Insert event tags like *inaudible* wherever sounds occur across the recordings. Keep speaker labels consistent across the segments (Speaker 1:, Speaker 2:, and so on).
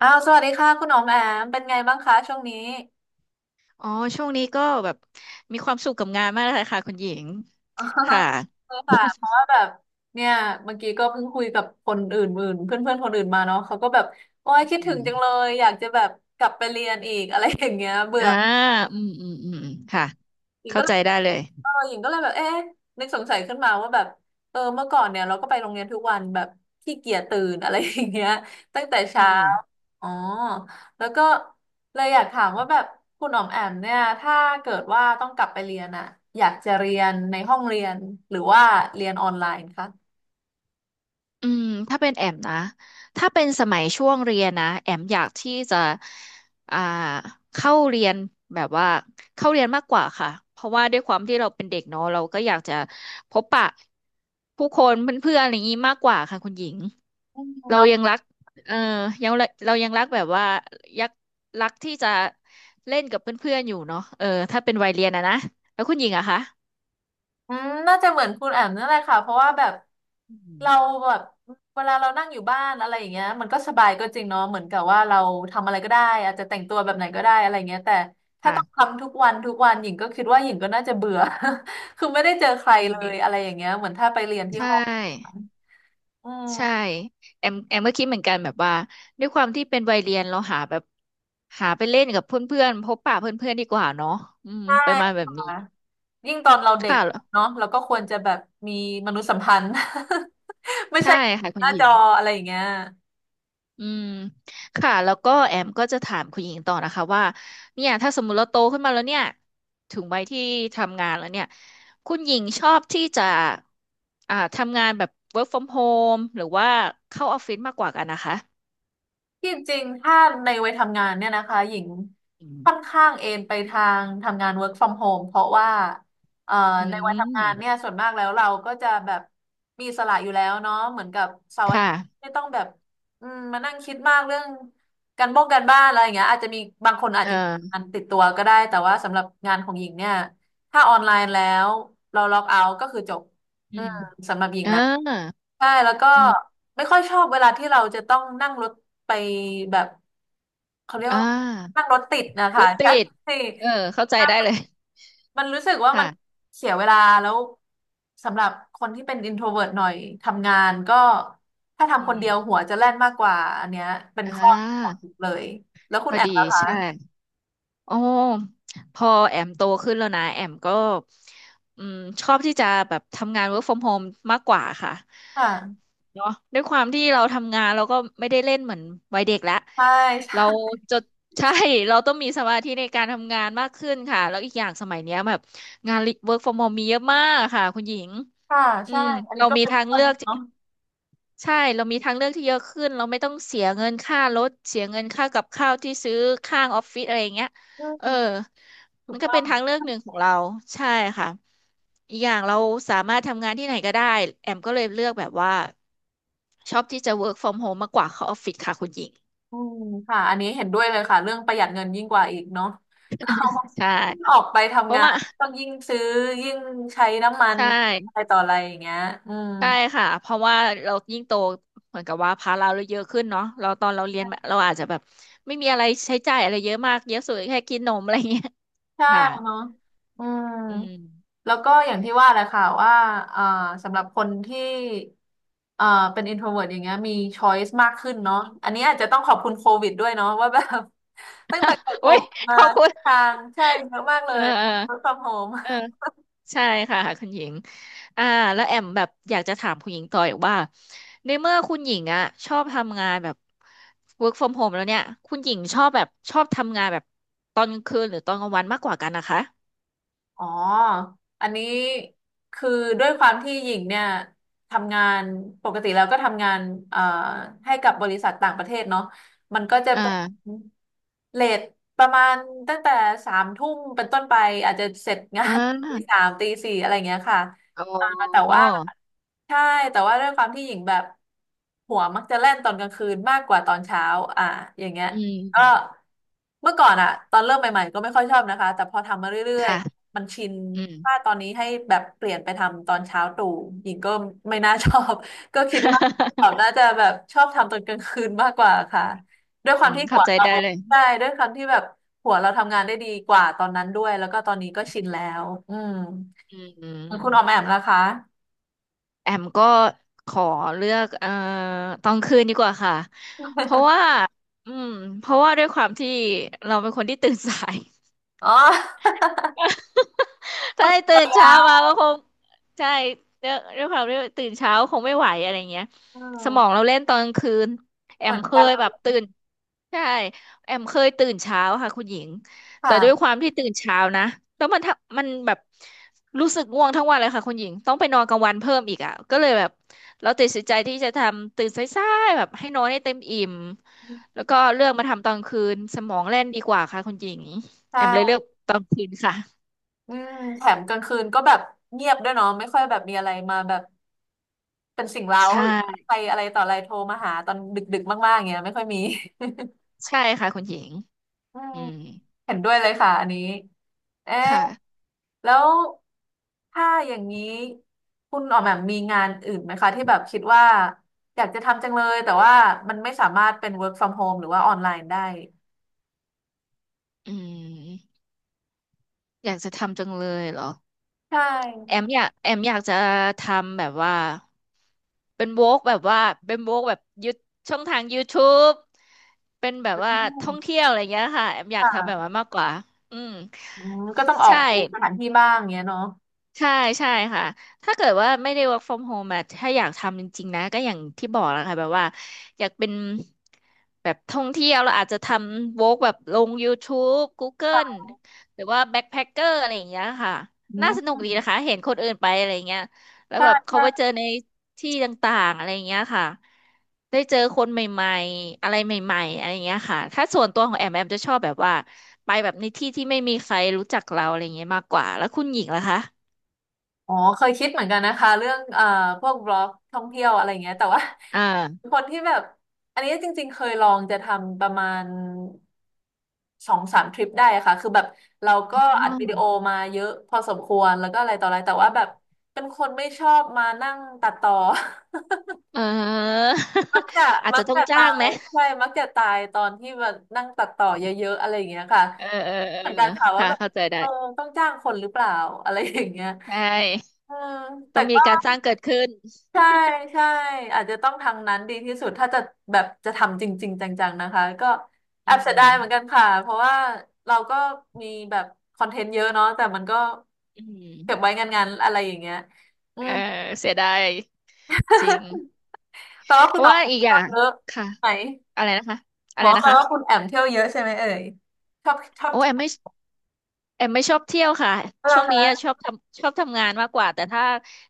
Speaker 1: อ้าวสวัสดีค่ะคุณอ๋อมแอมเป็นไงบ้างคะช่วงนี้
Speaker 2: อ๋อช่วงนี้ก็แบบมีความสุขกับงานมากเลยค่ะคุณหญิง
Speaker 1: อ๋อคือ *laughs* ค่
Speaker 2: ค่ะ
Speaker 1: ะเพราะว่าแบบเนี่ยเมื่อกี้ก็เพิ่งคุยกับคนอื่นเพื่อนเพื่อนๆคนอื่นมาเนาะเขาก็แบบโอ้ยคิด
Speaker 2: อื
Speaker 1: ถึง
Speaker 2: ม
Speaker 1: จังเลยอยากจะแบบกลับไปเรียนอีกอะไรอย่างเงี้ยเบื่อ
Speaker 2: อ่าอืมอืมอืมอืมค่ะ
Speaker 1: หญิง
Speaker 2: เข้า
Speaker 1: ก็เล
Speaker 2: ใจ
Speaker 1: ย
Speaker 2: ได้เลย
Speaker 1: หญิงก็เลยแบบเอ๊ะนึกสงสัยขึ้นมาว่าแบบเออเมื่อก่อนเนี่ยเราก็ไปโรงเรียนทุกวันแบบขี้เกียจตื่นอะไรอย่างเงี้ยตั้งแต่
Speaker 2: อื
Speaker 1: เช้า
Speaker 2: ม
Speaker 1: อ๋อแล้วก็เลยอยากถามว่าแบบคุณอ๋อมแอมเนี่ยถ้าเกิดว่าต้องกลับไปเรียนอะอยากจะเรียนในห้องเรียนหรือว่าเรียนออนไลน์คะ
Speaker 2: อืมถ้าเป็นแอมนะถ้าเป็นสมัยช่วงเรียนนะแอมอยากที่จะอ่าเข้าเรียนแบบว่าเข้าเรียนมากกว่าค่ะเพราะว่าด้วยความที่เราเป็นเด็กเนาะเราก็อยากจะพบปะผู้คนเพื่อนๆอะไรอย่างนี้มากกว่าค่ะคุณหญิง
Speaker 1: อืม
Speaker 2: เรา
Speaker 1: เนาะ
Speaker 2: ยังรักเออยังเรายังรักแบบว่ายักรักที่จะเล่นกับเพื่อนๆอยู่เนาะเออถ้าเป็นวัยเรียนอะนะ แล้วคุณหญิงอะคะ
Speaker 1: อืมน่าจะเหมือนคุณแอมนั่นแหละค่ะเพราะว่าแบบ
Speaker 2: อืม
Speaker 1: เราแบบเวลาเรานั่งอยู่บ้านอะไรอย่างเงี้ยมันก็สบายก็จริงเนาะเหมือนกับว่าเราทำอะไรก็ได้อาจจะแต่งตัวแบบไหนก็ได้อะไรเงี้ยแต่ถ้าต้อง
Speaker 2: ค่ะ
Speaker 1: ทำทุกวันทุกวันหญิงก็คิดว่าหญิงก็น่าจะเบื่อ *laughs* คือไม่ได้เจอใคร
Speaker 2: จริ
Speaker 1: เล
Speaker 2: ง
Speaker 1: ยอะไรอย่างเงี้ยเหมือนถ้าไปเรียนที่
Speaker 2: ใช
Speaker 1: ห้อง
Speaker 2: ่
Speaker 1: อื
Speaker 2: ใช่
Speaker 1: ม
Speaker 2: แอมก็คิดเหมือนกันแบบว่าด้วยความที่เป็นวัยเรียนเราหาแบบหาไปเล่นกับเพื่อนๆพบปะเพื่อนๆดีกว่าเนาะอืม
Speaker 1: ใช่
Speaker 2: ประมาณแบบ
Speaker 1: ค่ะ
Speaker 2: นี้
Speaker 1: ยิ่งตอนเรา
Speaker 2: ค
Speaker 1: เด็กเนาะ
Speaker 2: ่ะ
Speaker 1: เราก็ควรจะแบบมีมนุษยสัมพันธ์ *laughs* ไม่
Speaker 2: ใช่
Speaker 1: ใช่
Speaker 2: ค่ะคุ
Speaker 1: ห
Speaker 2: ณ
Speaker 1: น้า
Speaker 2: หญิ
Speaker 1: จ
Speaker 2: ง
Speaker 1: ออะไรอย่างเงี้ย
Speaker 2: อืม ค่ะ แล้วก็แอมก็จะถามคุณหญิงต่อนะคะว่า เนี่ย ถ้าสมมติเราโตขึ้นมาแล้วเนี่ย ถึงวัยที่ทำงานแล้วเนี่ย คุณหญิงชอบที่จะทำงานแบบ work from home หรือว่าเข้าออฟฟิศมากกว่ากันนะคะ
Speaker 1: ที่จริงถ้าในวัยทำงานเนี่ยนะคะหญิง
Speaker 2: อื
Speaker 1: ค่อน
Speaker 2: ม
Speaker 1: ข้างเอนไปทางทำงาน work from home เพราะว่าเอ่อ
Speaker 2: อื
Speaker 1: ในวัยทำงานเนี่ย
Speaker 2: ม
Speaker 1: ส่วนมากแล้วเราก็จะแบบมีอิสละอยู่แล้วเนาะเหมือนกับเสาร์
Speaker 2: ค
Speaker 1: อาทิตย์
Speaker 2: ่ะ
Speaker 1: ไม่ต้องแบบมานั่งคิดมากเรื่องการบ้งการบ้านอะไรอย่างเงี้ยอาจจะมีบางคนอาจจะมี
Speaker 2: เออ
Speaker 1: งานติดตัวก็ได้แต่ว่าสำหรับงานของหญิงเนี่ยถ้าออนไลน์แล้วเราล็อกเอาท์ก็คือจบ
Speaker 2: อื
Speaker 1: อื
Speaker 2: ม
Speaker 1: มสำหรับหญิ
Speaker 2: เอ
Speaker 1: งนะ
Speaker 2: อ
Speaker 1: ใช่แล้วก็
Speaker 2: อืม
Speaker 1: ไม่ค่อยชอบเวลาที่เราจะต้องนั่งรถไปแบบเขาเรียกว่า
Speaker 2: อ่า
Speaker 1: อะไรนั่งรถติดนะ
Speaker 2: ร
Speaker 1: คะ
Speaker 2: ถติ
Speaker 1: ใช่
Speaker 2: ด เออ เข้าใจได้เลย
Speaker 1: *laughs* มันรู้สึกว่ามัน
Speaker 2: ค่ะ
Speaker 1: เสียเวลาแล้วสำหรับคนที่เป็น introvert หน่อยทำงานก็ถ้า
Speaker 2: อื
Speaker 1: ทำคนเดี
Speaker 2: ม
Speaker 1: ยวหัวจะแล่นมากกว่าอันเนี้ยเป็น
Speaker 2: อ่
Speaker 1: ข้อ *laughs* ขอ
Speaker 2: า
Speaker 1: งเลย
Speaker 2: พอ
Speaker 1: นะ
Speaker 2: ดี
Speaker 1: คะ
Speaker 2: ใช่ อ๋อพอแอมโตขึ้นแล้วนะแอมก็อืมชอบที่จะแบบทำงาน work from home มากกว่าค่ะ
Speaker 1: ค่ะ
Speaker 2: เนาะด้วยความที่เราทำงานเราก็ไม่ได้เล่นเหมือนวัยเด็กแล้ว
Speaker 1: ใช่
Speaker 2: เรา
Speaker 1: ใช่
Speaker 2: จะใช่ *laughs* เราต้องมีสมาธิในการทำงานมากขึ้นค่ะแล้วอีกอย่างสมัยเนี้ยแบบงาน work from home มีเยอะมากค่ะคุณหญิง
Speaker 1: ค่ะ
Speaker 2: อื
Speaker 1: ใช่
Speaker 2: มเรามีทางเลือก ใช่เรามีทางเลือกที่เยอะขึ้นเราไม่ต้องเสียเงินค่ารถเสียเงินค่ากับข้าวที่ซื้อข้างออฟฟิศอะไรอย่างเงี้ยเออมันก็เป็นทางเลือกหนึ่งของเราใช่ค่ะอีกอย่างเราสามารถทำงานที่ไหนก็ได้แอมก็เลยเลือกแบบว่าชอบที่จะ work from home มากกว่าเข้าออฟฟิศค่ะคุณหญิง
Speaker 1: อืมค่ะอันนี้เห็นด้วยเลยค่ะเรื่องประหยัดเงินยิ่งกว่าอีกเนาะ *laughs*
Speaker 2: ใช่
Speaker 1: เราออกไป
Speaker 2: เพ
Speaker 1: ทำ
Speaker 2: ราะ
Speaker 1: งา
Speaker 2: ว่า
Speaker 1: นต้องยิ่งซื้อยิ่งใช้น้ำมัน
Speaker 2: ใช่
Speaker 1: อะไรต่ออะไรอย่างเงี้ยอืม
Speaker 2: ใช่ค่ะเพราะว่าเรายิ่งโตเหมือนกับว่าภาระเราเยอะขึ้นเนาะเราตอนเราเรียนมาเราอาจจะแบบไม่มีอะไรใช้จ่ายอะไรเยอะมากเยอะสุดแค่กินนมอะไรเงี้ย
Speaker 1: ใช่
Speaker 2: ค่ะ
Speaker 1: เนาะอืม
Speaker 2: อืม
Speaker 1: แล้วก็อย่างที่ว่าแหละค่ะว่าเอ่อสำหรับคนที่เอ่อเป็น introvert อย่างเงี้ยมี choice มากขึ้น
Speaker 2: อุ
Speaker 1: เนาะอันนี้อาจจะต้องขอบคุณโควิดด้วยเนาะว่าแบบ *laughs* ตั้งแต่เกิดโค
Speaker 2: โอ้ย
Speaker 1: วิดมา
Speaker 2: ขอบคุ
Speaker 1: ทุ
Speaker 2: ณ
Speaker 1: กทางใช่เยอะมากเล
Speaker 2: เออ
Speaker 1: ย
Speaker 2: เออ
Speaker 1: work from home
Speaker 2: เออใช่ค่ะคุณหญิงอ่าแล้วแอมแบบอยากจะถามคุณหญิงต่ออีกว่าในเมื่อคุณหญิงอ่ะชอบทำงานแบบ work from home แล้วเนี่ยคุณหญิงชอบแบบชอบทำงานแบบตอนกลางคืนหรือตอนกลางวันมากกว่ากันนะคะ
Speaker 1: อ๋ออันนี้คือด้วยความที่หญิงเนี่ยทำงานปกติแล้วก็ทำงานเอ่อให้กับบริษัทต่างประเทศเนาะมันก็จะเป็น
Speaker 2: อ่า
Speaker 1: เลทประมาณตั้งแต่3 ทุ่มเป็นต้นไปอาจจะเสร็จงา
Speaker 2: อ่
Speaker 1: น *laughs* ตี
Speaker 2: า
Speaker 1: สามตีสี่อะไรเงี้ยค่ะ
Speaker 2: อ๋
Speaker 1: อ่าแต่
Speaker 2: อ
Speaker 1: ว่าใช่แต่ว่าด้วยความที่หญิงแบบหัวมักจะแล่นตอนกลางคืนมากกว่าตอนเช้าอ่าอย่างเงี้ย
Speaker 2: อื
Speaker 1: ก็
Speaker 2: ม
Speaker 1: เมื่อก่อนอะตอนเริ่มใหม่ๆก็ไม่ค่อยชอบนะคะแต่พอทำมาเรื่อย
Speaker 2: ค่ะ
Speaker 1: มันชิน
Speaker 2: อืม
Speaker 1: ถ้าตอนนี้ให้แบบเปลี่ยนไปทำตอนเช้าตรู่ หญิงก็ไม่น่าชอบ *laughs* ก็คิดว่าเขา
Speaker 2: *laughs*
Speaker 1: น่าจะแบบชอบทำตอนกลางคืนมากกว่าค่ะด้วยค
Speaker 2: อื
Speaker 1: วาม
Speaker 2: ม
Speaker 1: ที่หั
Speaker 2: เข้า
Speaker 1: ว
Speaker 2: ใจ
Speaker 1: เรา
Speaker 2: ได้เลย
Speaker 1: ใช่ด้วยความที่แบบหัวเราทำงานได้ดีกว่าตอนนั้นด้วย แล้วก็ตอนนี้ก็ชินแล้วอืม
Speaker 2: อื
Speaker 1: คุณออมแอ
Speaker 2: ม
Speaker 1: มนะคะ
Speaker 2: แอมก็ขอเลือกตอนคืนดีกว่าค่ะเพราะว่าอืมเพราะว่าด้วยความที่เราเป็นคนที่ตื่นสาย
Speaker 1: อ๋อ
Speaker 2: *laughs* ถ้าให้ตื่นเช้ามาก็คงใช่ด้วยความที่ตื่นเช้าคงไม่ไหวอะไรเงี้ย
Speaker 1: *laughs* อื
Speaker 2: สมอง
Speaker 1: ม
Speaker 2: เราเล่นตอนกลางคืนแอ
Speaker 1: เหมื
Speaker 2: ม
Speaker 1: อน
Speaker 2: เค
Speaker 1: กัน
Speaker 2: ย
Speaker 1: เล
Speaker 2: แบบ
Speaker 1: ย
Speaker 2: ตื่นใช่แอมเคยตื่นเช้าค่ะคุณหญิงแต่ด้วยค
Speaker 1: ค่ะ
Speaker 2: วามที่ตื่นเช้านะแล้วมันแบบรู้สึกง่วงทั้งวันเลยค่ะคุณหญิงต้องไปนอนกลางวันเพิ่มอีกอ่ะก็เลยแบบเราตัดสินใจที่จะทำตื่นสายๆแบบให้นอนให้เต็มอิ่มแล้วก็เลือกมาทำตอนคืนสมองแล่นดีกว่าค่ะคุณหญิงแอมเลยเลื
Speaker 1: ใช่
Speaker 2: อกตอนคืนค่ะ
Speaker 1: อืมแถมกลางคืนก็แบบเงียบด้วยเนาะไม่ค่อยแบบมีอะไรมาแบบ เป็นสิ่งเร้า
Speaker 2: ใช่
Speaker 1: หรือใครอะไรต่ออะไรโทรมาหาตอนดึกๆมากๆอย่างเงี้ยไม่ค่อยมี *laughs*
Speaker 2: ใช่ค่ะคุณหญิง
Speaker 1: อืม
Speaker 2: อืม
Speaker 1: เห็นด้วยเลยค่ะอันนี้เอ๊ะ
Speaker 2: ค่ะ
Speaker 1: แล้วถ้าอย่างนี้คุณออกแบบมีงานอื่นไหมคะที่แบบคิดว่าอยากจะทำจังเลยแต่ว่ามันไม่สามารถเป็น work from home หรือว่าออนไลน์ได้
Speaker 2: อืมอยากจะทำจังเลยเหรอ
Speaker 1: ใช
Speaker 2: แอ
Speaker 1: ่
Speaker 2: แอมอยากจะทำแบบว่าเป็นโวกแบบว่าเป็นโวกแบบยูช่องทาง YouTube เป็นแบบว่า
Speaker 1: อื
Speaker 2: ท่อง
Speaker 1: ม
Speaker 2: เที่ยวอะไรเงี้ยค่ะแอมอยากทำแบบ
Speaker 1: ค่ะ
Speaker 2: นั้นมากกว่าอืม
Speaker 1: อืมก็ต้องออก
Speaker 2: ใช่
Speaker 1: สถานที่บ้างเงี้ยเนาะ
Speaker 2: ใช่ใช่ค่ะถ้าเกิดว่าไม่ได้ work from home อะถ้าอยากทำจริงๆนะ ก็อย่างที่บอกแล้วค่ะแบบว่าอยากเป็นแบบท่องเที่ยวเราอาจจะทำ work แบบลง YouTube Google หรือว่า backpacker อะไรอย่างเงี้ยค่ะ
Speaker 1: อื
Speaker 2: น่าสนุกดี
Speaker 1: ม
Speaker 2: นะคะเห็นคนอื่นไปอะไรเงี้ยแล้ว
Speaker 1: ใช่
Speaker 2: แบบเขาไปเจ
Speaker 1: ใช่
Speaker 2: อในที่ต่างๆอะไรเงี้ยค่ะ ได้เจอคนใหม่ๆอะไรใหม่ๆอะไรเงี้ยค่ะ ถ้าส่วนตัวของแอมจะชอบแบบว่าไปแบบในที่ที่ไม่มีใครรู้จักเราอะไรเงี้ยมากกว่าแล้วคุณหญิงล่ะคะ
Speaker 1: อ๋อเคยคิดเหมือนกันนะคะเรื่องพวกบล็อกท่องเที่ยวอะไรเงี้ยแต่ว่า
Speaker 2: อ่า
Speaker 1: *laughs* คนที่แบบอันนี้จริงๆเคยลองจะทำประมาณ2-3 ทริปได้อะค่ะคือแบบเราก็
Speaker 2: อ๋อ
Speaker 1: อัดวิดีโอมาเยอะพอสมควรแล้วก็อะไรต่ออะไรแต่ว่าแบบเป็นคนไม่ชอบมานั่งตัดต่อ
Speaker 2: เออ
Speaker 1: *laughs* มักจะ
Speaker 2: *laughs* อาจ
Speaker 1: มั
Speaker 2: จะ
Speaker 1: ก
Speaker 2: ต้อง
Speaker 1: จะ
Speaker 2: จ้า
Speaker 1: ตา
Speaker 2: งไห
Speaker 1: ย
Speaker 2: ม
Speaker 1: ใช่มักจะตายตอนที่แบบนั่งตัดต่อเยอะๆอะไรอย่างเงี้ยค่ะ
Speaker 2: เออเออเออ
Speaker 1: เหมือนกันค่ะว่า
Speaker 2: ค่ะ
Speaker 1: แบบ
Speaker 2: เข้าใจได้
Speaker 1: เออต้องจ้างคนหรือเปล่าอะไรอย่างเงี้ย
Speaker 2: ใช่
Speaker 1: เออ
Speaker 2: ต้
Speaker 1: แต่
Speaker 2: องมีการจ้างเกิดขึ้น
Speaker 1: ใช่ใช่อาจจะต้องทางนั้นดีที่สุดถ้าจะแบบจะทำจริงๆจังๆนะคะก็แอ
Speaker 2: อื
Speaker 1: บเสียดา
Speaker 2: ม
Speaker 1: ยเหมือนกันค่ะเพราะว่าเราก็มีแบบคอนเทนต์เยอะเนาะแต่มันก็
Speaker 2: อืม
Speaker 1: เก็บไว้งานๆอะไรอย่างเงี้ยอื
Speaker 2: เอ
Speaker 1: ม
Speaker 2: อเสียดายจริง
Speaker 1: *laughs* แปลว่า
Speaker 2: เพ
Speaker 1: คุณ
Speaker 2: ราะ
Speaker 1: ออก
Speaker 2: ว่า
Speaker 1: เที
Speaker 2: อีกอ
Speaker 1: ่
Speaker 2: ย่า
Speaker 1: ยว
Speaker 2: ง
Speaker 1: เยอะ
Speaker 2: ค่ะ
Speaker 1: ไหม
Speaker 2: อะไรนะคะอะ
Speaker 1: บ
Speaker 2: ไร
Speaker 1: อก
Speaker 2: นะ
Speaker 1: แปลว่าคุณ
Speaker 2: คะ
Speaker 1: แอมเที่ยวเยอะใช่ไหมเอ่ยชอบชอบ
Speaker 2: โอ้แอมไม่ แอมไม่ชอบเที่ยวค่ะ
Speaker 1: เที่ย
Speaker 2: ช่
Speaker 1: ว
Speaker 2: วง
Speaker 1: เหรอ
Speaker 2: นี้
Speaker 1: คะ
Speaker 2: อะชอบทำงานมากกว่าแต่ถ้า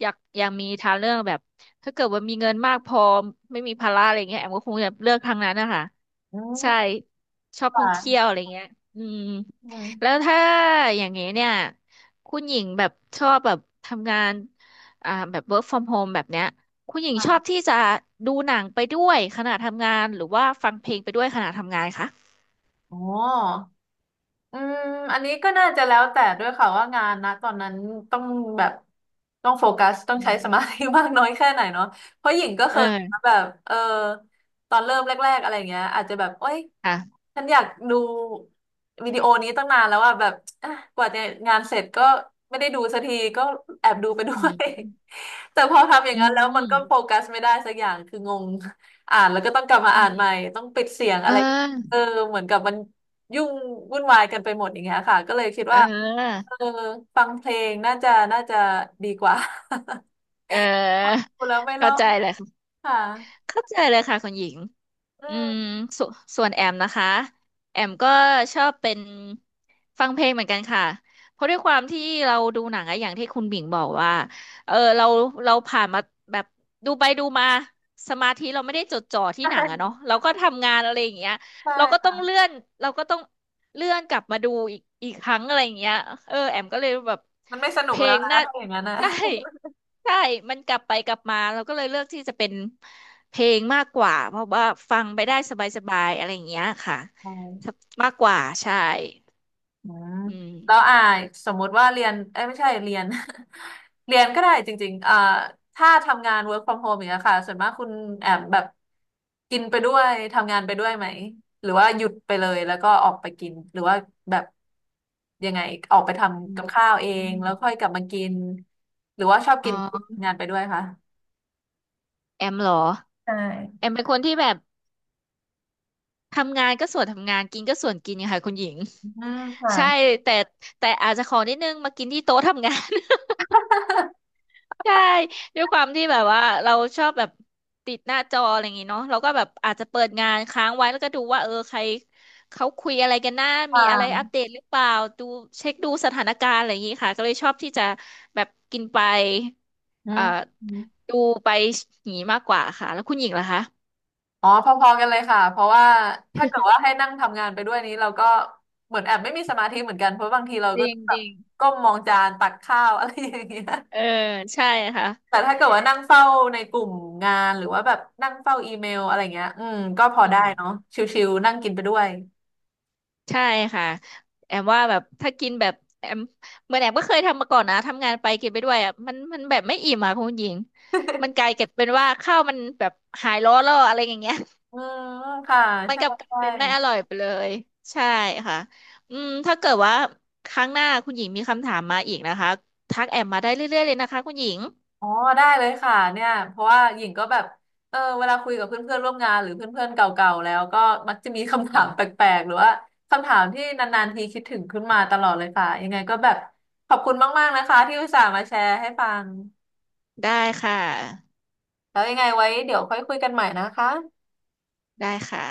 Speaker 2: อยากมีทางเลือกแบบถ้าเกิดว่ามีเงินมากพอไม่มีภาระอะไรเงี้ยแอมก็คงจะเลือกทางนั้นนะคะ
Speaker 1: อื
Speaker 2: ใช่
Speaker 1: ม
Speaker 2: ชอบท่องเที่
Speaker 1: ค่ะ
Speaker 2: ยวอะไรเงี้ยอืม
Speaker 1: อืม
Speaker 2: แล้วถ้าอย่างนี้เนี่ยคุณหญิงแบบชอบแบบทำงานแบบ work from home แบบเนี้ยคุณหญิงชอบ
Speaker 1: ค่ะ
Speaker 2: ที่จะดูหนังไปด้วยขณะทำงานหรือว่าฟังเพลงไปด้วยขณะทำงานคะ
Speaker 1: โอ้ อืมอันนี้ก็น่าจะแล้วแต่ด้วยค่ะว่างานนะตอนนั้นต้องแบบต้องโฟกัสต้อง
Speaker 2: อื
Speaker 1: ใช้ส
Speaker 2: ม
Speaker 1: มาธิมากน้อยแค่ไหนเนาะเพราะหญิงก็เค
Speaker 2: เอ
Speaker 1: ย
Speaker 2: อ
Speaker 1: แบบตอนเริ่มแรกๆอะไรเงี้ยอาจจะแบบโอ๊ย
Speaker 2: ค่ะ
Speaker 1: ฉันอยากดูวิดีโอนี้ตั้งนานแล้วอะแบบอ่ะกว่าจะงานเสร็จก็ไม่ได้ดูสักทีก็แอบดูไปด้
Speaker 2: อื
Speaker 1: วย
Speaker 2: ม
Speaker 1: *laughs* แต่พอทำอย่าง
Speaker 2: อื
Speaker 1: นั้นแล้วมันก็โฟ
Speaker 2: ม
Speaker 1: กัสไม่ได้สักอย่างคืองงอ่านแล้วก็ต้องกลับมา
Speaker 2: อื
Speaker 1: อ่านใหม่
Speaker 2: ม
Speaker 1: ต้องปิดเสียง
Speaker 2: เอ
Speaker 1: อะไรเออ
Speaker 2: อ
Speaker 1: เหมือนกับมัน ยุ่งวุ่นวายกันไปหมดอย่างเงี้ยค่ะก็เลยคิด
Speaker 2: เ
Speaker 1: ว่า
Speaker 2: ออ
Speaker 1: เออฟังเพลงน่าจะดีกว่า
Speaker 2: เออ
Speaker 1: *laughs* พูดแล้วไม่รอ
Speaker 2: เข้า
Speaker 1: ด
Speaker 2: ใจเลยค่ะ
Speaker 1: ค่ะ
Speaker 2: เข้าใจเลยค่ะคุณหญิง
Speaker 1: อื
Speaker 2: อื
Speaker 1: ม
Speaker 2: มสส่วนแอมนะคะแอมก็ชอบเป็นฟังเพลงเหมือนกันค่ะเพราะด้วยความที่เราดูหนังอะอย่างที่คุณบิ่งบอกว่าเออเราผ่านมาแบบดูไปดูมาสมาธิเราไม่ได้จดจ่อที่
Speaker 1: ใช่
Speaker 2: หนังอะเนาะเราก็ทำงานอะไรอย่างเงี้ย
Speaker 1: ใช่
Speaker 2: เราก็ต้อง
Speaker 1: ค่ะ
Speaker 2: เลื่อนเราก็ต้องเลื่อนกลับมาดูอีกครั้งอะไรอย่างเงี้ยเออแอมก็เลยแบบ
Speaker 1: มันไม่สนุ
Speaker 2: เพ
Speaker 1: ก
Speaker 2: ล
Speaker 1: แล้ว
Speaker 2: ง
Speaker 1: นะ
Speaker 2: น่า
Speaker 1: ถ้าอย่างนั้นนะ
Speaker 2: *laughs* ใช่ใช่มันกลับไปกลับมาเราก็เลยเลือกที่จะเป็น เพลงมากกว่าเพราะว่าฟังไปได้สบายๆอะไรอย่างเงี้ยค่ะมากกว่าใช่
Speaker 1: อืม
Speaker 2: อืม
Speaker 1: แล้วสมมุติว่าเรียนเอ้ยไม่ใช่เรียน *laughs* เรียนก็ได้จริงๆถ้าทำงาน work from home อย่างเงี้ยค่ะส่วนมากคุณแอมแบบกินไปด้วยทำงานไปด้วยไหมหรือว่าหยุดไปเลยแล้วก็ออกไปกินหรือว่าแบบยังไงออกไปท
Speaker 2: อื
Speaker 1: ำกับ
Speaker 2: ม
Speaker 1: ข้าวเอ
Speaker 2: อื
Speaker 1: ง
Speaker 2: ม
Speaker 1: แล้วค่อยกลับมากินหรือว่าชอบ
Speaker 2: อ๋
Speaker 1: กิน
Speaker 2: อ
Speaker 1: ทำงานไปด้วยคะ
Speaker 2: แอมเหรอ
Speaker 1: ใช่
Speaker 2: แอมเป็นคนที่แบบทำงานก็ส่วนทำงานกินก็ส่วนกินค่ะคุณหญิง
Speaker 1: อืมค่ะ
Speaker 2: ใช่แต่แต่อาจจะขอนิดนึงมากินที่โต๊ะทำงาน
Speaker 1: *laughs*
Speaker 2: ใช่ด้วยความที่แบบว่าเราชอบแบบติดหน้าจออะไรอย่างงี้เนาะเราก็แบบอาจจะเปิดงานค้างไว้แล้วก็ดูว่าเออใครเขาคุยอะไรกันหน้ามีอะไร
Speaker 1: ค่ะ
Speaker 2: อัปเดตหรือเปล่าดูเช็คดูสถานการณ์อะไรอย่างงี้ค่ะก็เลยชอบที่จะแบบกินไป
Speaker 1: อื
Speaker 2: เอ่อ
Speaker 1: ม
Speaker 2: ดูไปหนีมากกว่าค่ะแล้วคุณหญิงล่ะคะ
Speaker 1: อ๋อพอๆกันเลยค่ะเพราะว่าถ้าเกิดว่าให้นั่งทำงานไปด้วยนี้เราก็เหมือนแอบไม่มีสมาธิเหมือนกันเพราะบางทีเรา
Speaker 2: จ
Speaker 1: ก็
Speaker 2: ริง
Speaker 1: ต้องแบ
Speaker 2: จ
Speaker 1: บ
Speaker 2: ริง
Speaker 1: ก้มมองจานตักข้าว *laughs* อะไรอย่างเงี้ย
Speaker 2: เออใช่ค่ะ
Speaker 1: แต่ถ้าเกิดว่านั่งเฝ้าในกลุ่มงานหรือว่าแบบนั่งเฝ้าอีเมลอะไรเงี้ยอืมก็พอ
Speaker 2: อื
Speaker 1: ได้
Speaker 2: ม
Speaker 1: เนาะชิวๆนั่งกินไปด้วย
Speaker 2: ใช่ค่ะแอมว่าแบบถ้ากินแบบแอมเหมือนแอมก็เคยทำมาก่อนนะทำงานไปกินไปด้วยอ่ะมันแบบไม่อิ่มอ่ะคุณหญิงมันกลายเก็บเป็นว่าข้าวมันแบบหายร้อนแล้วอะไรอย่างเงี้ย
Speaker 1: อืมค่ะ
Speaker 2: *laughs* มัน
Speaker 1: ใช่
Speaker 2: กลับกลาย
Speaker 1: ใช่
Speaker 2: เป็นไม่อร่อยไปเลยใช่ค่ะอืมถ้าเกิดว่าครั้งหน้าคุณหญิงมีคำถามมาอีกนะคะทักแอมมาได้เรื่อยๆเลยนะคะคุณหญิง
Speaker 1: อ๋อได้เลยค่ะเนี่ยเพราะว่าหญิงก็แบบเออเวลาคุยกับเพื่อนๆร่วมงานหรือเพื่อนๆเก่าๆแล้วก็มักจะมีคำ
Speaker 2: อื
Speaker 1: ถาม *laughs* แป
Speaker 2: ม
Speaker 1: ลกๆหรือว่าคำถามที่นานๆทีคิดถึงขึ้นมาตลอดเลยค่ะยังไงก็แบบขอบคุณมากๆนะคะที่อุตส่าห์มาแชร์ให้ฟัง
Speaker 2: ได้ค่ะ
Speaker 1: แล้วยังไงไว้เดี๋ยวค่อยคุยกันใหม่นะคะ
Speaker 2: ได้ค่ะ